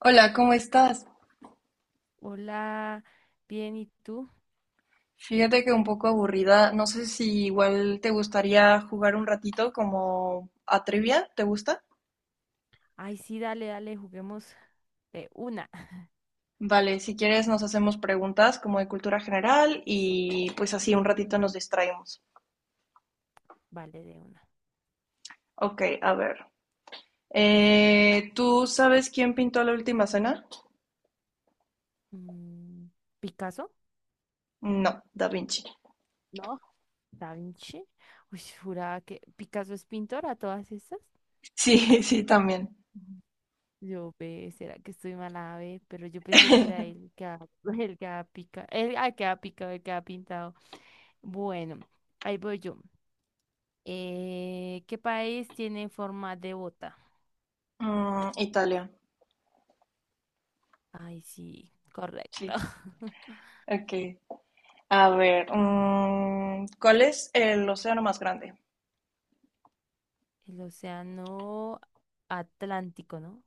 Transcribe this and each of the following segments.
Hola, ¿cómo estás? Hola, bien, ¿y tú? Fíjate que un poco aburrida. No sé si igual te gustaría jugar un ratito como a trivia, ¿te gusta? Ay, sí, dale, dale, juguemos de una. Vale, si quieres nos hacemos preguntas como de cultura general y pues así un ratito nos distraemos. Vale, de una. Ok, a ver. ¿Tú sabes quién pintó la última cena? Mm, ¿Picasso? No, Da Vinci. No, Da Vinci. Uy, juraba que Picasso es pintor a todas estas. Sí, sí, también. Ujú. Yo ve, será que estoy mala, ve, pero yo pensé que era él que ha, el que ha picado, el, que ha picado, el que ha pintado. Bueno, ahí voy yo. ¿Qué país tiene forma de bota? Italia, Ay, sí, correcto. sí. Ok. A ver, ¿cuál es el océano más grande? El océano Atlántico, ¿no?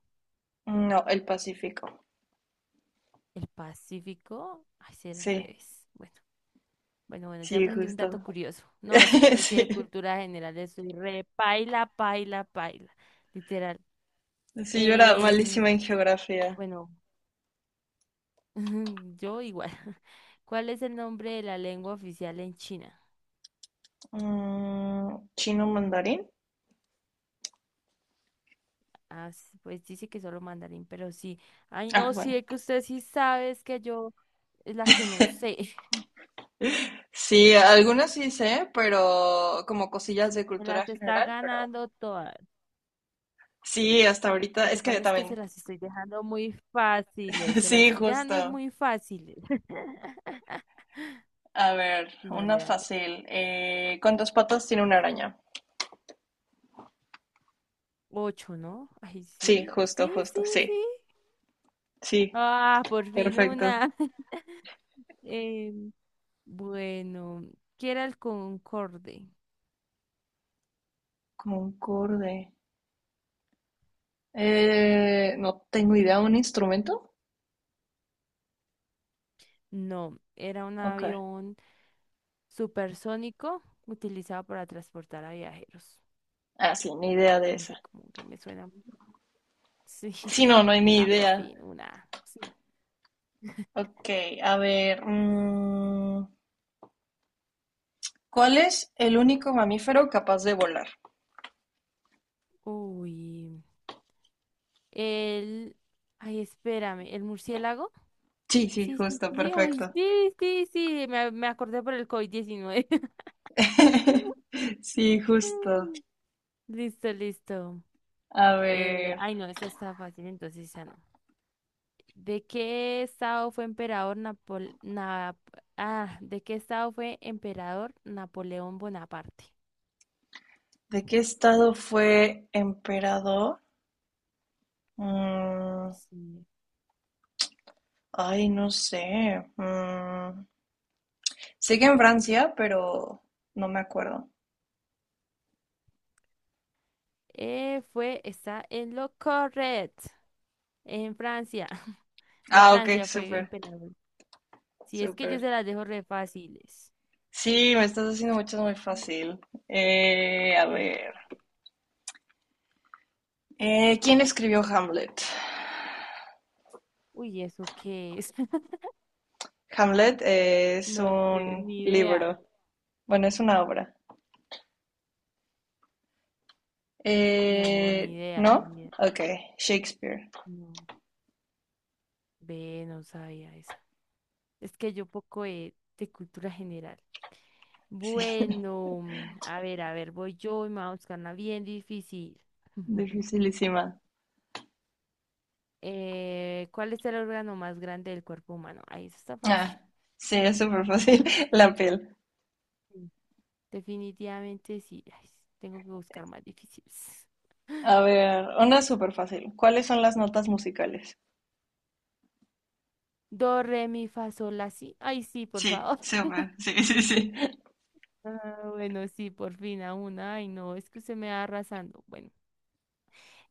No, el Pacífico. El Pacífico, ay, sí, era al Sí, revés. Bueno, bueno, bueno, ya sí, aprendí un dato justo. curioso. No, es que yo sí de Sí. cultura general soy re paila, paila, paila, literal. Sí, yo era Em, malísima en geografía. bueno, yo igual. ¿Cuál es el nombre de la lengua oficial en China? ¿Chino mandarín? Ah, pues dice que solo mandarín, pero sí. Ay, Ah, no, sí, bueno. es que usted sí sabe, es que yo es la que no sé. Sí, algunas sí sé, pero como cosillas de Me cultura las está general, pero ganando todas. sí, hasta ahorita Lo que es que pasa es que se también. las estoy dejando muy fáciles, se las Sí, estoy dejando justo. muy fáciles. A ver, Dale, una dale. fácil. ¿Cuántas patas tiene una araña? Ocho, ¿no? Ay, Sí, sí, justo, sí, sí, justo, sí. sí. Sí, Ah, por fin perfecto. una. Em, bueno, ¿qué era el Concorde? Concorde. No tengo idea, ¿un instrumento? No, era un Ok. avión supersónico utilizado para transportar a viajeros. Ah, sí, ni idea de No sé esa. cómo que me suena. Sí. Sí, no, no hay ni Ah, por idea. fin una. Sí. Ok, a ver. ¿Cuál es el único mamífero capaz de volar? Uy. El... Ay, espérame, ¿el murciélago? Sí, sí, Sí, sí, justo, sí, sí, ay, perfecto. sí, sí, sí, me acordé por el COVID-19. Sí, justo. Listo, listo. A ver, Ay, no, esa está fácil, entonces ya no. ¿De qué estado fue emperador Napol... Nap- ¿De qué estado fue emperador Napoleón Bonaparte? ¿de qué estado fue emperador? Mm, Sí. ay, no sé. Sé que en Francia, pero no me acuerdo. Está en lo correcto, en Francia. De Ah, ok, Francia fue súper, emperador. Si es que yo súper. se las dejo re fáciles. Sí, me estás haciendo muchas muy fácil. A ver. Ah, ¿Quién escribió Hamlet? uy, ¿eso qué es? Hamlet es No sé, un ni idea. libro. Bueno, es una obra. No, ni idea, ¿No? ni idea. Ok, Shakespeare. No, ve, no sabía esa. Es que yo poco de, cultura general. Sí, Bueno, a ver, voy yo y me voy a buscar una bien difícil. dificilísima. ¿Cuál es el órgano más grande del cuerpo humano? Ahí eso está Ah, fácil. sí, es súper fácil. La piel. Sí. Definitivamente sí. Ay, tengo que buscar más difíciles. A ver, una súper fácil. ¿Cuáles son las notas musicales? Do, re, mi, fa, sol, la, si. Ay, sí, por Sí, favor. súper. Sí, sí, sí. Ah, bueno, sí, por fin a una. Ay, no, es que usted me va arrasando. Bueno,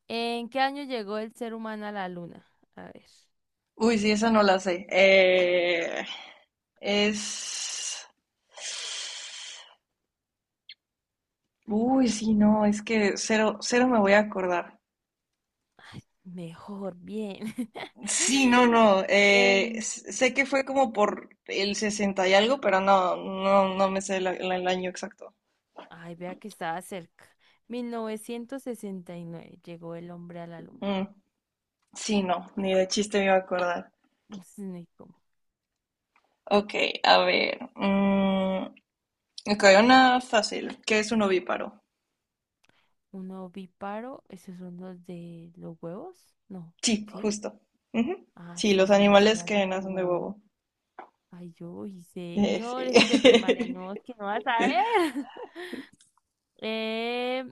¿en qué año llegó el ser humano a la luna? A ver. Uy, sí, esa no la sé. Es... Uy, sí, no, es que cero, cero me voy a acordar. Ay, mejor, bien. Sí, no, no. En, sé que fue como por el 60 y algo, pero no, no, no me sé el año exacto. Ay, vea que estaba cerca. 1969 llegó el hombre a la luna. Mm, sí, no, ni de chiste me iba a acordar. Ups, ni cómo. Ok, a ver. Ok, una fácil. ¿Qué es un ovíparo? Un ovíparo, esos son los de los huevos, no, Sí, ¿sí? justo. Ujú. Ah, Sí, sí, los sí, los que animales hacen que de nacen de huevos. huevo. Ay, yo, uy, señor, eso es de primaria, Sí. no, es que no vas a ver. Eh,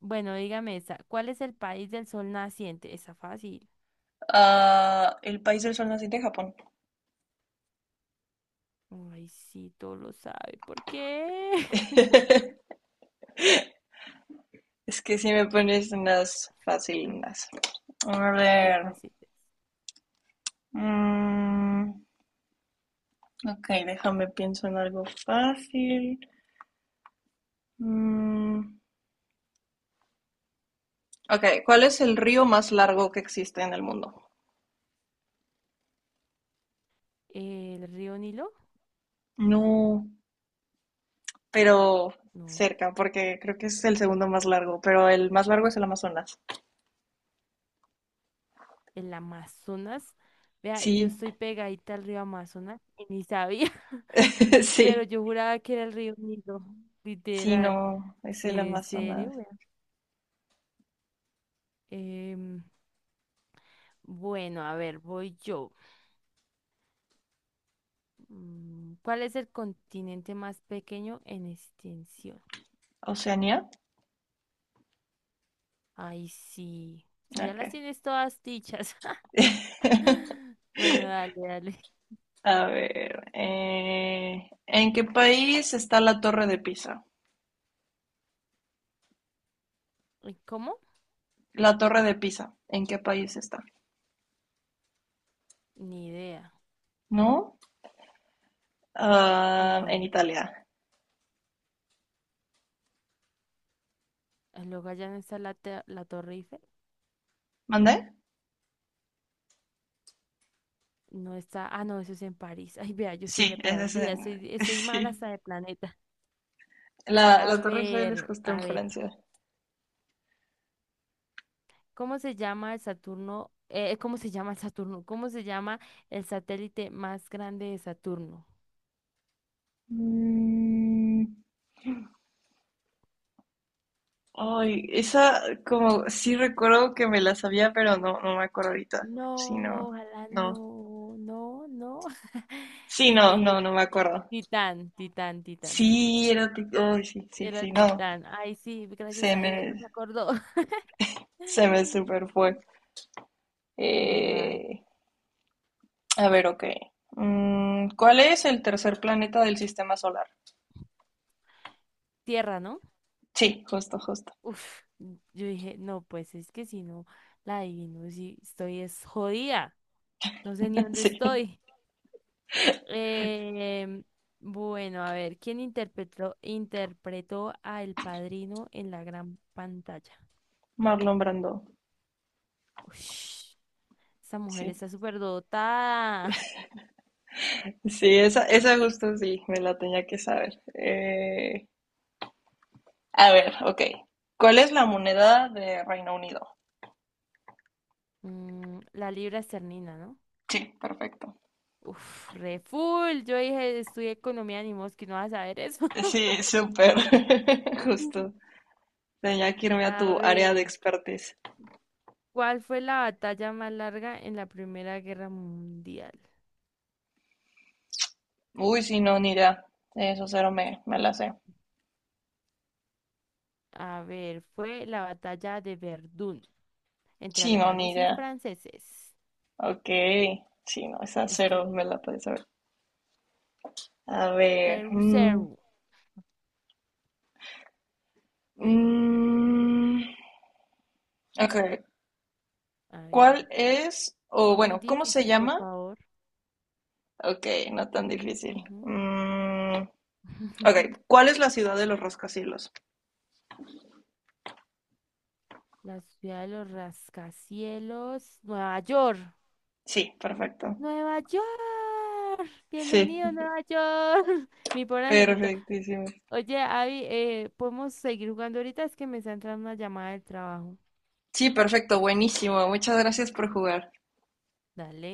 bueno, dígame esta, ¿cuál es el país del sol naciente? Está fácil. Ah, el país del sol naciente, Japón. Ay, sí, todo lo sabe. ¿Por qué? Es que si me pones unas facilinas. A Muy ver. fácil. mm, ok, déjame pienso en algo fácil. Mm, Ok, ¿cuál es el río más largo que existe en el mundo? ¿El río Nilo? No. Pero No. cerca, porque creo que es el segundo más largo, pero el más largo es el Amazonas. ¿El Amazonas? Vea, y yo Sí, estoy pegadita al río Amazonas y ni sabía. Pero Sí, yo juraba que era el río Nilo, sí, literal. no. Es Sí, el ¿en serio? Amazonas. Vea. Em. Bueno, a ver, voy yo. ¿Cuál es el continente más pequeño en extensión? ¿Oceanía? Ay, sí. Tú ya Ok. las tienes todas dichas. Bueno, dale, dale. A ver, ¿en qué país está la Torre de Pisa? ¿Y? ¿Cómo? La Torre de Pisa, ¿en qué país está? Ni idea. ¿No? Ah, en No. Italia. Ah, luego allá no está la Torre Eiffel. ¿Mandé? No está. Ah, no, eso es en París. Ay, vea, yo soy Sí, re perdida. Estoy mal Sí. hasta de planeta. La, A la Torre Eiffel es ver, justo en a ver. Francia. ¿Cómo se llama el Saturno? ¿Cómo se llama el Saturno? ¿Cómo se llama el satélite más grande de Saturno? Mm, ay, esa como sí recuerdo que me la sabía, pero no, no me acuerdo ahorita. Sí, No, no, ojalá no. no, no, no. Sí, no, Eh, no, no me acuerdo. Titán, Titán, Titán. Sí, ay, sí, sí, Era sí, no. Titán. Ay, sí, gracias Se a me, Dios, no se acordó. Se me super fue. Vale. Eh, a ver, ok. ¿Cuál es el tercer planeta del sistema solar? Tierra, ¿no? Sí, justo, justo. Uf, yo dije, no, pues es que si no la adivino, si estoy es jodida. No sé ni dónde Sí, estoy. Eh, bueno, a ver, ¿quién interpretó a El Padrino en la gran pantalla? Marlon Brando. Ush, esa mujer Sí, está súper dotada. sí, esa justo sí, me la tenía que saber. A ver, ok. ¿Cuál es la moneda de Reino Unido? La Libra Esternina, ¿no? Sí, perfecto. Uf, re full. Yo dije, estudié economía, ni mosquito, no vas a saber eso. Sí, súper. Mm. Justo. Tenía que irme a A tu área de ver, expertise. ¿cuál fue la batalla más larga en la Primera Guerra Mundial? Uy, sí, no, ni idea. Eso cero me la sé. A ver, fue la batalla de Verdún entre Sí, no, ni alemanes y idea. franceses. Ok, sí, no, esa Es que cero me la puedes saber. A ver, Ceru Ceru. mm, ok, A ver, ¿cuál es, o no muy bueno, cómo se difícil, por llama? favor. Ok, no tan difícil. Ujú. Ok, ¿cuál es la ciudad de los rascacielos? La ciudad de los rascacielos. Nueva York. Sí, perfecto. Nueva York. Sí, Bienvenido, a Nueva York. Mi pobre angelito. perfectísimo. Oye, Abby, ¿podemos seguir jugando ahorita? Es que me está entrando una llamada del trabajo. Sí, perfecto, buenísimo. Muchas gracias por jugar. Dale.